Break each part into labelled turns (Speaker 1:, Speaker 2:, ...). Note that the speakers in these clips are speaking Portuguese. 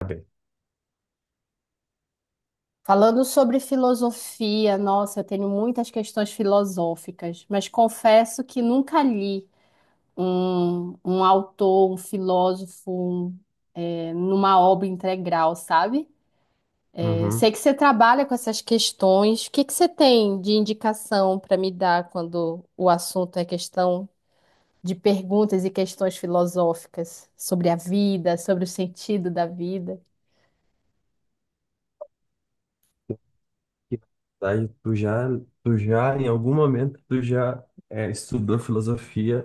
Speaker 1: Sabe?
Speaker 2: Falando sobre filosofia, nossa, eu tenho muitas questões filosóficas, mas confesso que nunca li um autor, um filósofo, um, numa obra integral, sabe?
Speaker 1: Uhum.
Speaker 2: Sei que você trabalha com essas questões. O que que você tem de indicação para me dar quando o assunto é questão de perguntas e questões filosóficas sobre a vida, sobre o sentido da vida?
Speaker 1: Que, na verdade, tu já, em algum momento, tu já estudou filosofia,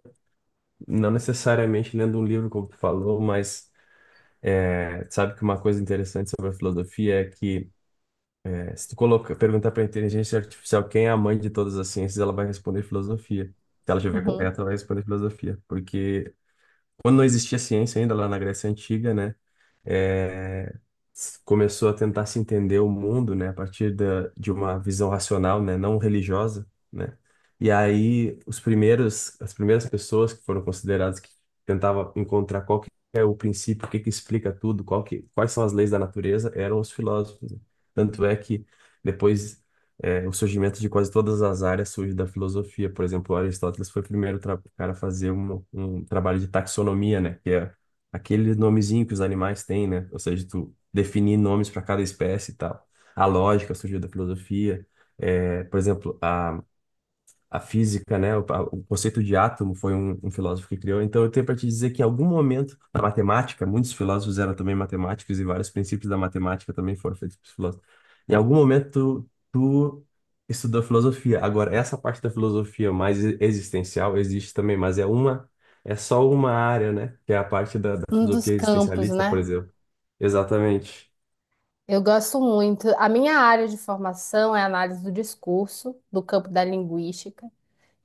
Speaker 1: não necessariamente lendo um livro, como tu falou, mas sabe que uma coisa interessante sobre a filosofia é que se tu coloca, perguntar para a inteligência artificial quem é a mãe de todas as ciências, ela vai responder filosofia. Se ela estiver
Speaker 2: Uhum.
Speaker 1: correta, ela vai responder filosofia, porque quando não existia ciência ainda lá na Grécia Antiga, né? é, Começou a tentar se entender o mundo, né, a partir de uma visão racional, né, não religiosa, né? E aí os primeiros, as primeiras pessoas que foram consideradas que tentavam encontrar qual que é o princípio, o que que explica tudo, qual que, quais são as leis da natureza, eram os filósofos, né? Tanto é que depois o surgimento de quase todas as áreas surge da filosofia. Por exemplo, Aristóteles foi o primeiro cara a fazer um trabalho de taxonomia, né? Que é aquele nomezinho que os animais têm, né? Ou seja, tu definir nomes para cada espécie e tal. A lógica surgiu da filosofia. É, por exemplo, a física, né, o conceito de átomo foi um filósofo que criou. Então, eu tenho para te dizer que em algum momento na matemática, muitos filósofos eram também matemáticos e vários princípios da matemática também foram feitos por filósofos. Em algum momento, tu estudou filosofia. Agora, essa parte da filosofia mais existencial existe também, mas é é só uma área, né, que é a parte da
Speaker 2: Um dos
Speaker 1: filosofia
Speaker 2: campos,
Speaker 1: existencialista, por
Speaker 2: né?
Speaker 1: exemplo. Exatamente.
Speaker 2: Eu gosto muito. A minha área de formação é análise do discurso, do campo da linguística,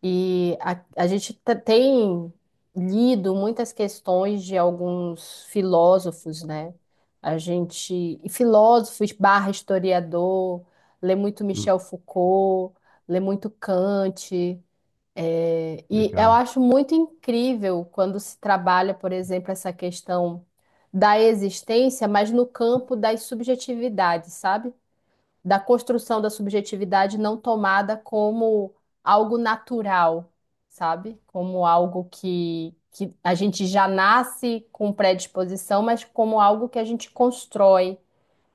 Speaker 2: e a gente tem lido muitas questões de alguns filósofos, né? A gente, e filósofos barra historiador, lê muito
Speaker 1: Hum.
Speaker 2: Michel Foucault, lê muito Kant. É, e eu
Speaker 1: Legal.
Speaker 2: acho muito incrível quando se trabalha, por exemplo, essa questão da existência, mas no campo das subjetividades, sabe? Da construção da subjetividade não tomada como algo natural, sabe? Como algo que a gente já nasce com predisposição, mas como algo que a gente constrói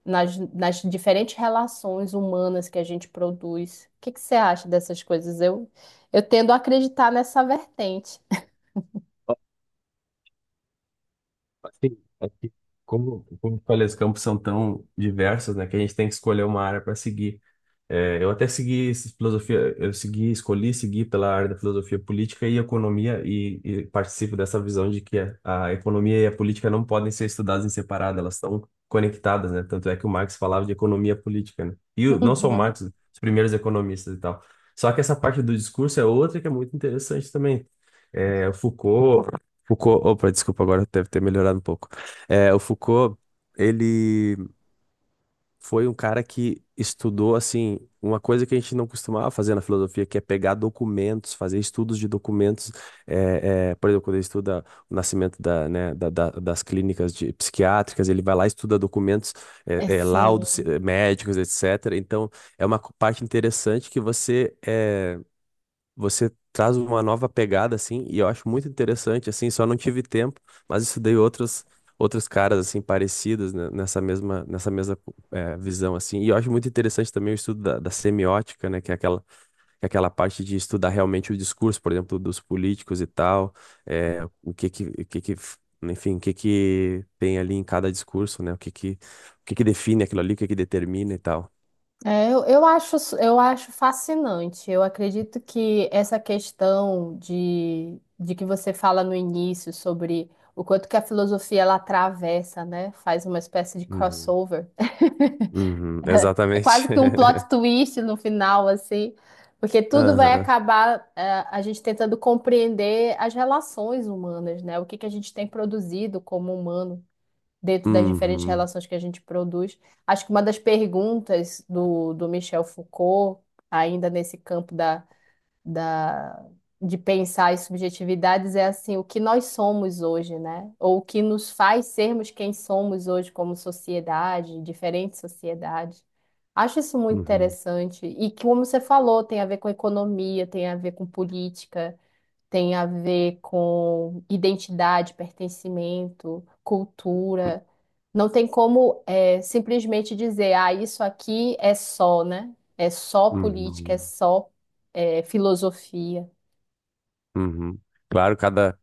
Speaker 2: nas diferentes relações humanas que a gente produz. O que que você acha dessas coisas? Eu tendo a acreditar nessa vertente.
Speaker 1: Assim, é que como eu falei, os campos são tão diversos, né, que a gente tem que escolher uma área para seguir. É, eu até segui filosofia, eu segui, escolhi seguir pela área da filosofia política e economia e participo dessa visão de que a economia e a política não podem ser estudadas em separado, elas estão conectadas, né? Tanto é que o Marx falava de economia política, né? E não só o
Speaker 2: Uhum.
Speaker 1: Marx, os primeiros economistas e tal. Só que essa parte do discurso é outra que é muito interessante também. É, o Foucault, Foucault, opa, desculpa, agora deve ter melhorado um pouco. É, o Foucault, ele foi um cara que estudou, assim, uma coisa que a gente não costumava fazer na filosofia, que é pegar documentos, fazer estudos de documentos. Por exemplo, quando ele estuda o nascimento da, né, das clínicas psiquiátricas, ele vai lá e estuda documentos,
Speaker 2: É sim.
Speaker 1: laudos, médicos, etc. Então, é uma parte interessante que você... é, você traz uma nova pegada assim, e eu acho muito interessante assim, só não tive tempo, mas estudei outros caras assim parecidos, né, nessa mesma visão assim. E eu acho muito interessante também o estudo da semiótica, né, que é aquela parte de estudar realmente o discurso, por exemplo, dos políticos e tal, o que que enfim, o que que tem ali em cada discurso, né? O que que define aquilo ali, o que que determina e tal.
Speaker 2: É, eu acho, eu acho fascinante. Eu acredito que essa questão de que você fala no início sobre o quanto que a filosofia ela atravessa, né? Faz uma espécie de
Speaker 1: Uhum.
Speaker 2: crossover.
Speaker 1: Uhum,
Speaker 2: É
Speaker 1: exatamente.
Speaker 2: quase que um plot twist no final, assim, porque tudo vai
Speaker 1: Aham.
Speaker 2: acabar, a gente tentando compreender as relações humanas, né? O que que a gente tem produzido como humano dentro das diferentes
Speaker 1: Uhum,
Speaker 2: relações que a gente produz. Acho que uma das perguntas do, do Michel Foucault, ainda nesse campo da de pensar as subjetividades é assim, o que nós somos hoje, né? Ou o que nos faz sermos quem somos hoje como sociedade, diferentes sociedades. Acho isso muito
Speaker 1: uhum,
Speaker 2: interessante. E que, como você falou, tem a ver com economia, tem a ver com política, tem a ver com identidade, pertencimento, cultura. Não tem como é, simplesmente dizer, ah, isso aqui é só, né? É só política, é
Speaker 1: uhum,
Speaker 2: só é, filosofia.
Speaker 1: uhum. Claro, cada,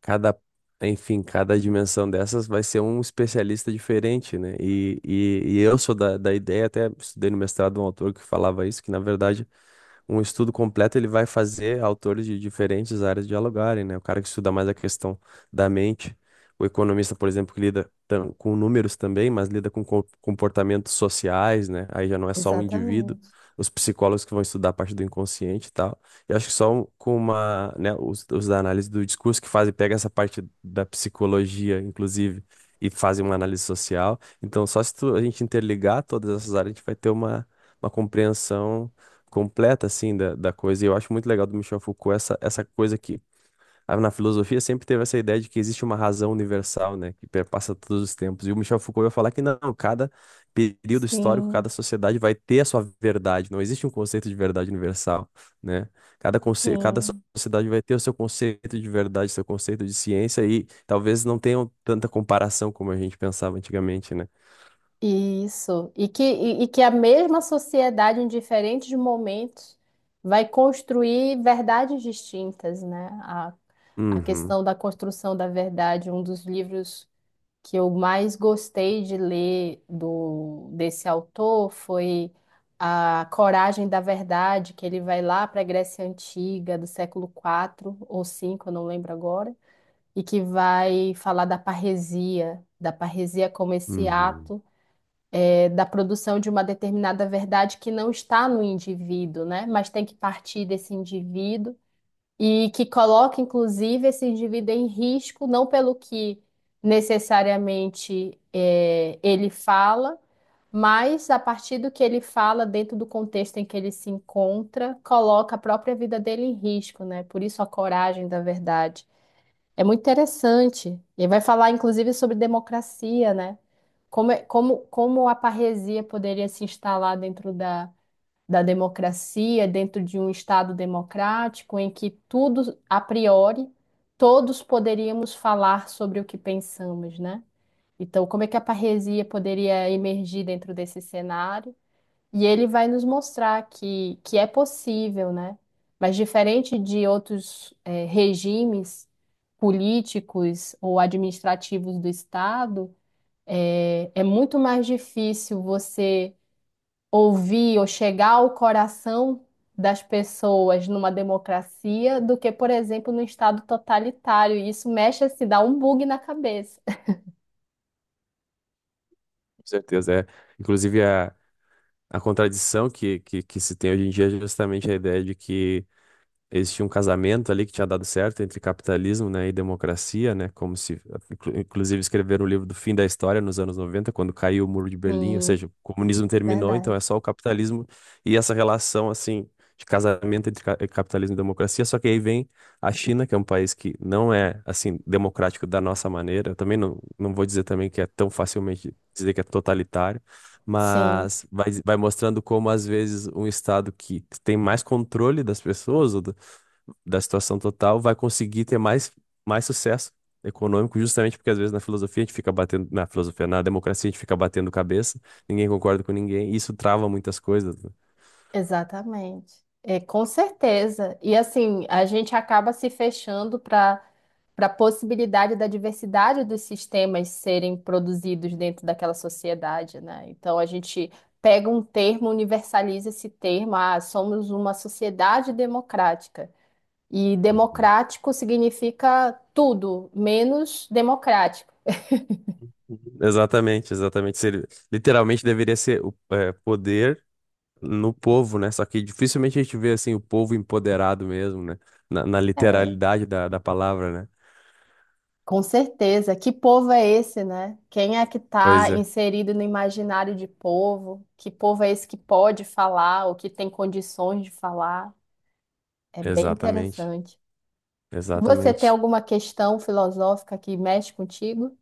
Speaker 1: cada, Enfim, cada dimensão dessas vai ser um especialista diferente, né? E eu sou da ideia, até estudei no mestrado um autor que falava isso, que na verdade um estudo completo ele vai fazer autores de diferentes áreas dialogarem, né? O cara que estuda mais a questão da mente, o economista, por exemplo, que lida com números também, mas lida com comportamentos sociais, né? Aí já não é só um indivíduo.
Speaker 2: Exatamente.
Speaker 1: Os psicólogos que vão estudar a parte do inconsciente e tal. Eu acho que só com uma, né, os da análise do discurso que fazem, pega essa parte da psicologia, inclusive, e fazem uma análise social. Então, só se a gente interligar todas essas áreas, a gente vai ter uma compreensão completa assim da coisa. E eu acho muito legal do Michel Foucault essa coisa que ah, na filosofia sempre teve essa ideia de que existe uma razão universal, né, que perpassa todos os tempos. E o Michel Foucault vai falar que não, cada período histórico, cada
Speaker 2: Sim,
Speaker 1: sociedade vai ter a sua verdade. Não existe um conceito de verdade universal, né? Cada
Speaker 2: sim.
Speaker 1: sociedade vai ter o seu conceito de verdade, seu conceito de ciência e talvez não tenham tanta comparação como a gente pensava antigamente, né?
Speaker 2: Isso. E que a mesma sociedade, em diferentes momentos, vai construir verdades distintas, né? A
Speaker 1: Uhum.
Speaker 2: questão da construção da verdade, um dos livros que eu mais gostei de ler do desse autor foi A Coragem da Verdade, que ele vai lá para a Grécia Antiga, do século quatro ou cinco eu não lembro agora, e que vai falar da parresia como esse
Speaker 1: Uhum.
Speaker 2: ato é, da produção de uma determinada verdade que não está no indivíduo, né? Mas tem que partir desse indivíduo e que coloca, inclusive, esse indivíduo em risco, não pelo que necessariamente ele fala, mas a partir do que ele fala, dentro do contexto em que ele se encontra, coloca a própria vida dele em risco, né? Por isso a coragem da verdade. É muito interessante. Ele vai falar, inclusive, sobre democracia, né? Como, como, como a parresia poderia se instalar dentro da democracia, dentro de um Estado democrático, em que tudo, a priori, todos poderíamos falar sobre o que pensamos, né? Então, como é que a parresia poderia emergir dentro desse cenário? E ele vai nos mostrar que é possível, né? Mas diferente de outros, regimes políticos ou administrativos do Estado, é, é muito mais difícil você ouvir ou chegar ao coração das pessoas numa democracia do que, por exemplo, no estado totalitário. E isso mexe, se dá um bug na cabeça.
Speaker 1: Com certeza, é. Inclusive, a, A contradição que se tem hoje em dia é justamente a ideia de que eles tinham um casamento ali que tinha dado certo entre capitalismo, né, e democracia, né, como se, inclusive, escreveram o livro do fim da história nos anos 90, quando caiu o Muro de Berlim, ou
Speaker 2: Sim,
Speaker 1: seja, o comunismo terminou, então
Speaker 2: verdade.
Speaker 1: é só o capitalismo e essa relação, assim, de casamento entre capitalismo e democracia, só que aí vem a China, que é um país que não é, assim, democrático da nossa maneira, eu também não vou dizer também que é tão facilmente dizer que é totalitário,
Speaker 2: Sim,
Speaker 1: mas vai mostrando como às vezes um estado que tem mais controle das pessoas, ou da situação total, vai conseguir ter mais sucesso econômico, justamente porque às vezes na filosofia a gente fica batendo, na filosofia, na democracia a gente fica batendo cabeça, ninguém concorda com ninguém, e isso trava muitas coisas, né?
Speaker 2: exatamente. É, com certeza. E assim, a gente acaba se fechando para para a possibilidade da diversidade dos sistemas serem produzidos dentro daquela sociedade, né? Então a gente pega um termo, universaliza esse termo, ah, somos uma sociedade democrática. E
Speaker 1: Uhum.
Speaker 2: democrático significa tudo, menos democrático.
Speaker 1: Exatamente, exatamente. Literalmente deveria ser o é, poder no povo, né? Só que dificilmente a gente vê assim o povo empoderado mesmo, né? Na
Speaker 2: É,
Speaker 1: literalidade da palavra, né?
Speaker 2: com certeza. Que povo é esse, né? Quem é que está
Speaker 1: Pois é,
Speaker 2: inserido no imaginário de povo? Que povo é esse que pode falar ou que tem condições de falar? É bem
Speaker 1: exatamente,
Speaker 2: interessante. Você tem
Speaker 1: exatamente.
Speaker 2: alguma questão filosófica que mexe contigo?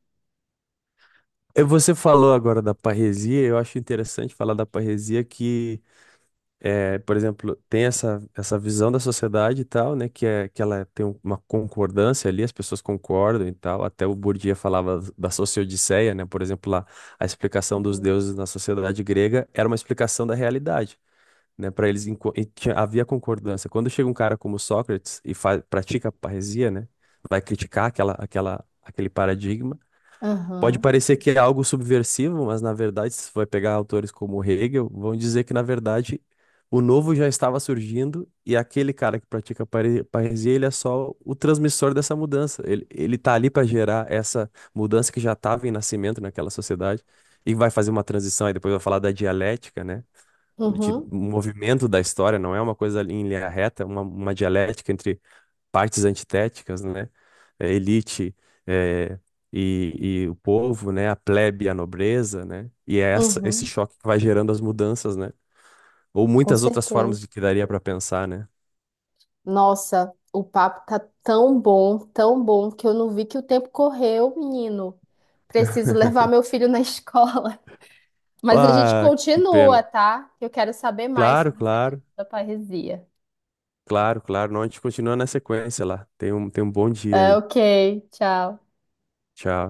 Speaker 1: Você falou agora da parresia, eu acho interessante falar da parresia que, por exemplo, tem essa visão da sociedade e tal, né, que ela tem uma concordância ali, as pessoas concordam e tal, até o Bourdieu falava da sociodiceia, né, por exemplo, lá, a explicação dos
Speaker 2: Uhum.
Speaker 1: deuses na sociedade grega era uma explicação da realidade, né, para eles havia concordância. Quando chega um cara como Sócrates e pratica a parresia, né, vai criticar aquele paradigma. Pode parecer que é algo subversivo, mas na verdade, se vai pegar autores como Hegel, vão dizer que na verdade o novo já estava surgindo e aquele cara que pratica parresia, ele é só o transmissor dessa mudança. Ele tá ali para gerar essa mudança que já estava em nascimento naquela sociedade e vai fazer uma transição. Aí depois vai falar da dialética, né? De
Speaker 2: Uhum,
Speaker 1: um movimento da história, não é uma coisa em linha reta, é uma dialética entre partes antitéticas, né? A elite eh, e o povo, né? A plebe e a nobreza, né? E é essa, esse
Speaker 2: uhum,
Speaker 1: choque que vai gerando as mudanças, né? Ou
Speaker 2: com
Speaker 1: muitas outras formas
Speaker 2: certeza.
Speaker 1: de que daria para pensar, né?
Speaker 2: Nossa, o papo tá tão bom, que eu não vi que o tempo correu, menino. Preciso levar meu filho na escola. Mas a gente
Speaker 1: Ah, que
Speaker 2: continua,
Speaker 1: pena.
Speaker 2: tá? Eu quero saber mais
Speaker 1: Claro,
Speaker 2: sobre essa questão
Speaker 1: claro,
Speaker 2: da parresia.
Speaker 1: Claro, claro. Não, a gente continua na sequência lá. Tem tem um bom dia
Speaker 2: É,
Speaker 1: aí.
Speaker 2: ok, tchau.
Speaker 1: Tchau.